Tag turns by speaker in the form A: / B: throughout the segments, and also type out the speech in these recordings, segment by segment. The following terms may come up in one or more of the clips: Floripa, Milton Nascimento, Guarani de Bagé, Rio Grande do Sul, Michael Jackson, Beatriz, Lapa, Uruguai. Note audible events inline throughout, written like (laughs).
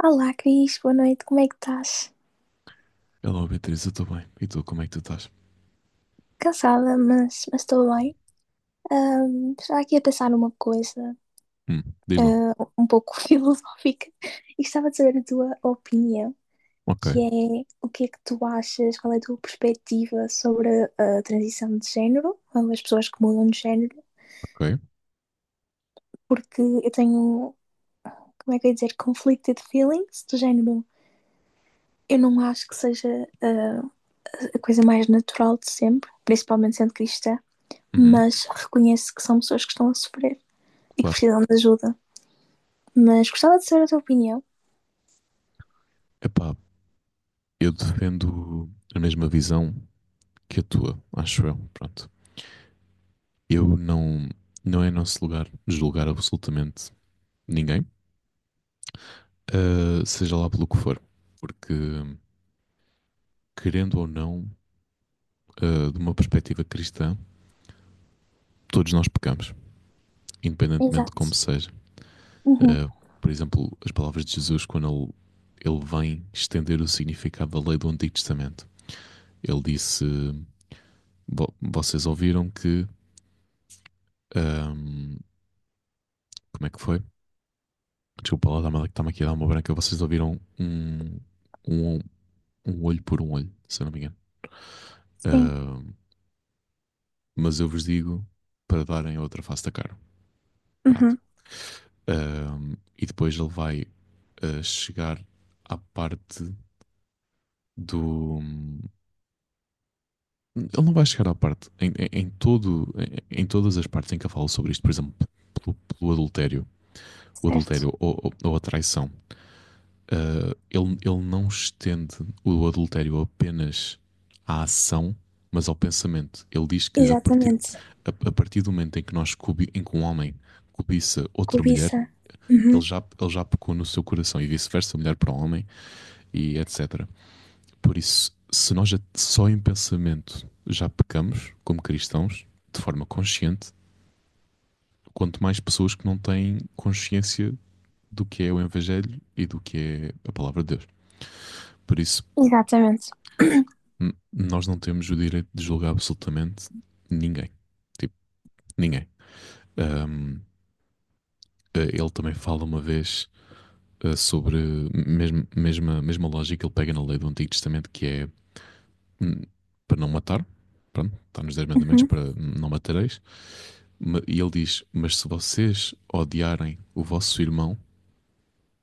A: Olá, Cris, boa noite, como é que estás?
B: Olá, Beatriz, eu estou bem. E tu, como é que tu estás?
A: Cansada, mas estou bem. Estava aqui a pensar numa coisa,
B: Diz lá.
A: um pouco (laughs) filosófica e gostava de saber a tua opinião,
B: Ok,
A: que é o que é que tu achas, qual é a tua perspectiva sobre a transição de género, ou as pessoas que mudam de género,
B: ok.
A: porque eu tenho, como é que eu ia dizer, conflicted feelings do género. Eu não acho que seja a coisa mais natural de sempre, principalmente sendo cristã.
B: Uhum,
A: Mas reconheço que são pessoas que estão a sofrer e que
B: claro.
A: precisam de ajuda. Mas gostava de saber a tua opinião.
B: Epá, eu defendo a mesma visão que a tua, acho eu. Pronto. Eu não. Não é nosso lugar julgar absolutamente ninguém, seja lá pelo que for. Porque, querendo ou não, de uma perspectiva cristã, todos nós pecamos, independentemente de como
A: Exato.
B: seja.
A: Uhum.
B: Ah, por exemplo, as palavras de Jesus, quando ele vem estender o significado da lei do Antigo Testamento. Ele disse: Vocês ouviram que. ahm, Como é que foi? Desculpa lá, está-me aqui a dar uma branca. Vocês ouviram um, um olho por um olho, se eu não me engano.
A: Sim.
B: Ahm, mas eu vos digo para darem outra face da cara. Pronto.
A: Uhum.
B: E depois ele vai chegar à parte do. Ele não vai chegar à parte. Em todo, em todas as partes em que eu falo sobre isto, por exemplo, pelo adultério, o
A: Certo.
B: adultério ou a traição, ele não estende o adultério apenas à ação, mas ao pensamento. Ele diz que
A: Exatamente.
B: a partir do momento em que em que um homem cobiça outra mulher,
A: Cobiça. Uhum.
B: ele já pecou no seu coração e vice-versa, mulher para o homem e etc. Por isso, se nós já- só em pensamento já pecamos como cristãos, de forma consciente, quanto mais pessoas que não têm consciência do que é o Evangelho e do que é a palavra de Deus. Por isso,
A: Exatamente.
B: Nós não temos o direito de julgar absolutamente ninguém. Tipo, ninguém. Ahm, ele também fala uma vez sobre mesma lógica que ele pega na lei do Antigo Testamento, que é hum, para não matar. Pronto, está nos 10 mandamentos
A: Uhum.
B: para não matareis. E ele diz: Mas se vocês odiarem o vosso irmão,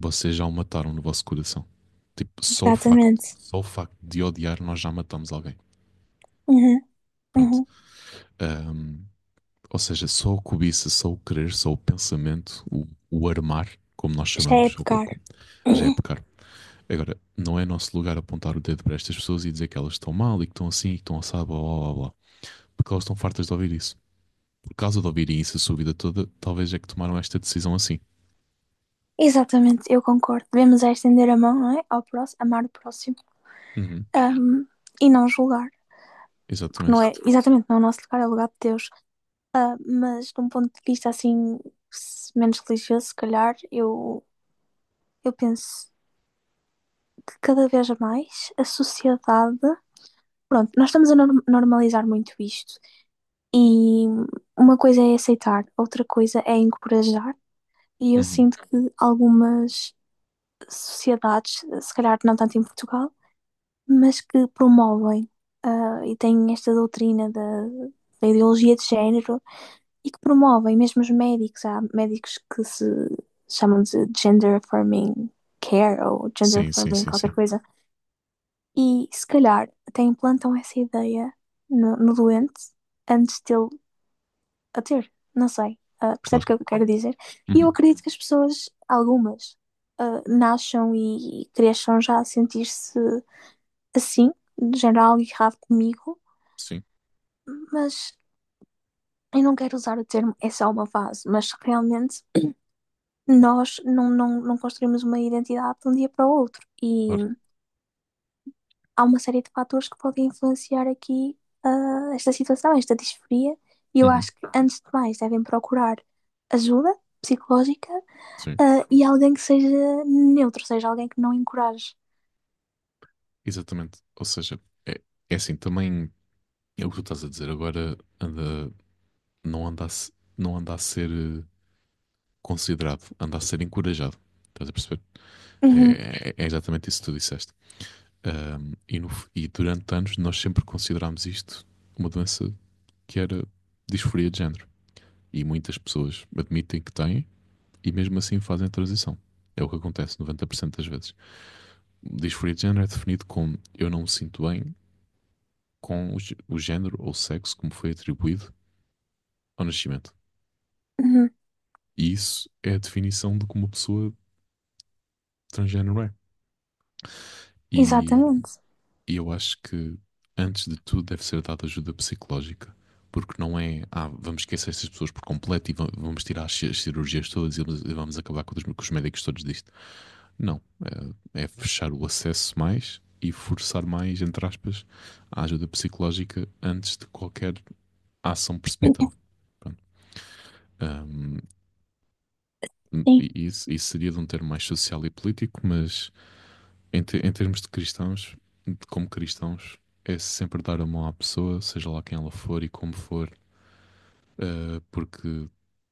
B: vocês já o mataram no vosso coração. Tipo,
A: Exatamente.
B: só o facto de odiar, nós já matamos alguém.
A: Uhum.
B: Pronto.
A: Uhum.
B: Ahm, Ou seja, só a cobiça, só o querer, só o pensamento, o armar, como nós
A: Já é
B: chamamos, ou
A: pecar.
B: já é
A: Uhum.
B: pecar. Agora, não é nosso lugar apontar o dedo para estas pessoas e dizer que elas estão mal e que estão assim e que estão assado, blá blá blá blá. Porque elas estão fartas de ouvir isso. Por causa de ouvirem isso a sua vida toda, talvez é que tomaram esta decisão assim.
A: Exatamente, eu concordo. Devemos é estender a mão, não é? Ao próximo, amar o próximo.
B: Uhum,
A: Ahm, e não julgar. Porque não
B: exatamente.
A: é, exatamente, não é o nosso lugar, é o lugar de Deus. Ah, mas de um ponto de vista assim, menos religioso, se calhar, eu penso que cada vez mais a sociedade. Pronto, nós estamos a normalizar muito isto. E uma coisa é aceitar, outra coisa é encorajar. E eu
B: Uhum.
A: sinto que algumas sociedades, se calhar não tanto em Portugal, mas que promovem e têm esta doutrina da, da ideologia de género e que promovem mesmo os médicos. Há médicos que se chamam de gender affirming care ou gender
B: Sim, sim,
A: affirming
B: sim,
A: qualquer
B: sim.
A: coisa. E se calhar até implantam essa ideia no, no doente antes dele a ter. Não sei.
B: Claro.
A: Percebes o que eu quero dizer? E eu
B: Uhum,
A: acredito que as pessoas, algumas, nasçam e cresçam já a sentir-se assim, de género algo errado comigo,
B: sim,
A: mas eu não quero usar o termo é só uma fase, mas realmente nós não construímos uma identidade de um dia para o outro. E
B: claro.
A: há uma série de fatores que podem influenciar aqui esta situação, esta disforia. E eu
B: Uhum,
A: acho que, antes de mais, devem procurar ajuda psicológica,
B: sim,
A: e alguém que seja neutro, ou seja, alguém que não encoraje.
B: exatamente. Ou seja, é, é assim, também é o que tu estás a dizer agora, anda não anda a, não anda a ser considerado, anda a ser encorajado. Estás a perceber?
A: Uhum,
B: É, é exatamente isso que tu disseste. E, no f- e durante anos nós sempre considerámos isto uma doença que era disforia de género. E muitas pessoas admitem que têm e mesmo assim fazem a transição. É o que acontece 90% das vezes. Disforia de género é definido como eu não me sinto bem com o o género ou sexo como foi atribuído ao nascimento.
A: uhum.
B: E isso é a definição de como uma pessoa transgénero é. E,
A: Exatamente.
B: e eu acho que, antes de tudo, deve ser dada ajuda psicológica. Porque não é, ah, vamos esquecer essas pessoas por completo e vamos tirar as cirurgias todas e vamos acabar com com os médicos todos disto. Não. É, é fechar o acesso mais e forçar mais, entre aspas, a ajuda psicológica antes de qualquer ação precipitada. Pronto. Ahm,
A: Sim,
B: e isso, isso seria de um termo mais social e político, mas em termos de cristãos, de como cristãos, é sempre dar a mão à pessoa, seja lá quem ela for e como for, porque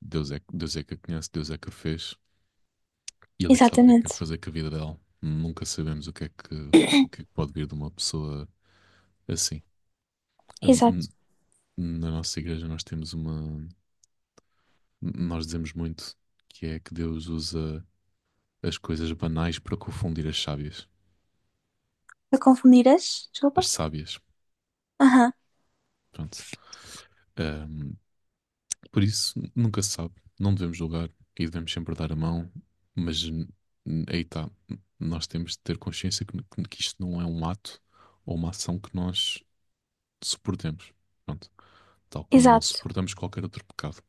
B: Deus é que a conhece, Deus é que a fez e Ele é que sabe o que é que quer
A: exatamente.
B: fazer com a vida dela. Nunca sabemos o que é que pode vir de uma pessoa assim. Hum.
A: Exato.
B: Na nossa igreja nós temos uma, nós dizemos muito que é que Deus usa as coisas banais para confundir as sábias,
A: A confundir as, desculpa?
B: as sábias.
A: Aham.
B: Pronto. Por isso, nunca se sabe. Não devemos julgar e devemos sempre dar a mão, mas aí está. Nós temos de ter consciência que isto não é um ato ou uma ação que nós suportemos. Pronto. Tal como não
A: Exato,
B: suportamos qualquer outro pecado.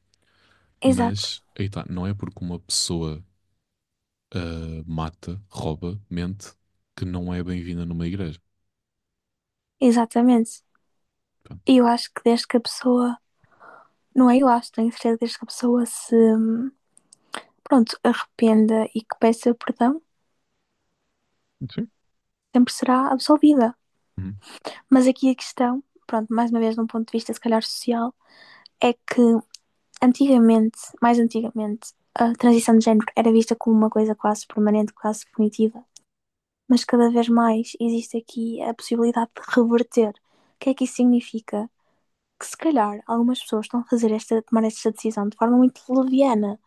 A: exato,
B: Mas aí está. Não é porque uma pessoa mata, rouba, mente, que não é bem-vinda numa igreja.
A: exatamente.
B: Pronto.
A: E eu acho que desde que a pessoa, não é eu acho, tenho certeza, desde que a pessoa se, pronto, arrependa e que peça perdão,
B: Sim.
A: sempre será absolvida.
B: Uhum.
A: Mas aqui a questão, pronto, mais uma vez, num ponto de vista se calhar social, é que antigamente, mais antigamente, a transição de género era vista como uma coisa quase permanente, quase definitiva, mas cada vez mais existe aqui a possibilidade de reverter. O que é que isso significa? Que se calhar algumas pessoas estão a fazer esta, a tomar esta decisão de forma muito leviana,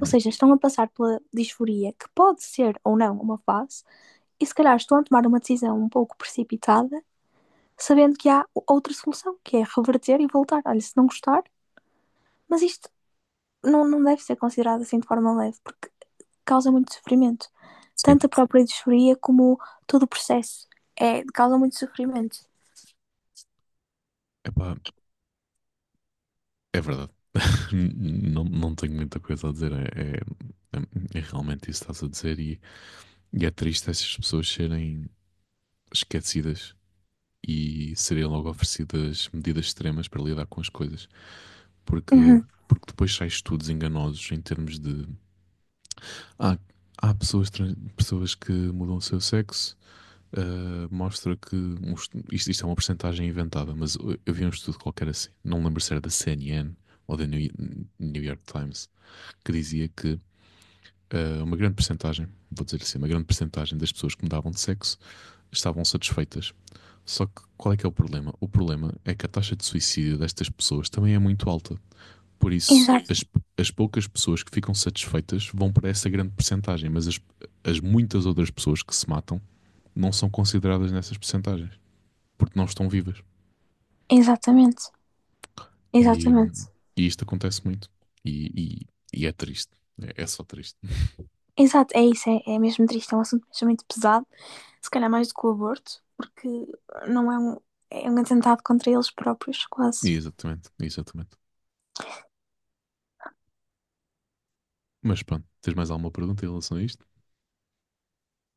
A: ou seja, estão a passar pela disforia, que pode ser ou não uma fase, e se calhar estão a tomar uma decisão um pouco precipitada sabendo que há outra solução, que é reverter e voltar. Olha, se não gostar, mas isto não deve ser considerado assim de forma leve, porque causa muito sofrimento. Tanto a
B: Sim.
A: própria disforia como todo o processo. É, causa muito sofrimento.
B: Epá, é verdade. Não, não tenho muita coisa a dizer. É, é realmente isso que estás a dizer, e é triste essas pessoas serem esquecidas e serem logo oferecidas medidas extremas para lidar com as coisas, porque,
A: Uhum.
B: porque depois sai estudos enganosos em termos de. Ah, há pessoas, pessoas que mudam o seu sexo. Ah, mostra que um isto, isto é uma porcentagem inventada, mas eu vi um estudo qualquer assim, não lembro se era da CNN ou da New York Times, que dizia que uma grande percentagem, vou dizer assim, uma grande percentagem das pessoas que mudavam de sexo estavam satisfeitas. Só que qual é que é o problema? O problema é que a taxa de suicídio destas pessoas também é muito alta. Por isso, as,
A: Exato.
B: as poucas pessoas que ficam satisfeitas vão para essa grande percentagem, mas as muitas outras pessoas que se matam não são consideradas nessas percentagens, porque não estão vivas.
A: Exatamente.
B: E,
A: Exatamente.
B: e isto acontece muito. E, e é triste. É, é só triste.
A: Exato, é isso, é, é mesmo triste, é um assunto mesmo muito pesado, se calhar mais do que o aborto, porque não é um, é um atentado contra eles próprios,
B: E
A: quase.
B: exatamente, exatamente. Mas pronto, tens mais alguma pergunta em relação a isto?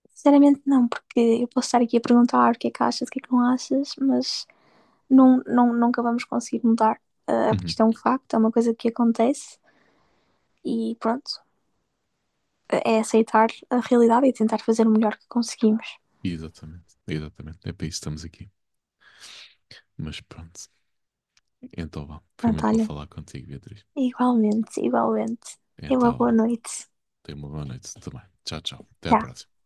A: Sinceramente não, porque eu posso estar aqui a perguntar o que é que achas, o que é que não achas, mas nunca vamos conseguir mudar, porque
B: Uhum.
A: isto é um facto, é uma coisa que acontece e pronto, é é aceitar a realidade e tentar fazer o melhor que conseguimos.
B: Exatamente, exatamente. É para isso que estamos aqui. Mas pronto, então vá. Foi muito bom
A: Natália,
B: falar contigo, Beatriz.
A: igualmente, igualmente. Tenha uma
B: Então
A: boa
B: vá.
A: noite.
B: Tenha uma boa noite também. Tchau, tchau. Até à
A: Tchau.
B: próxima.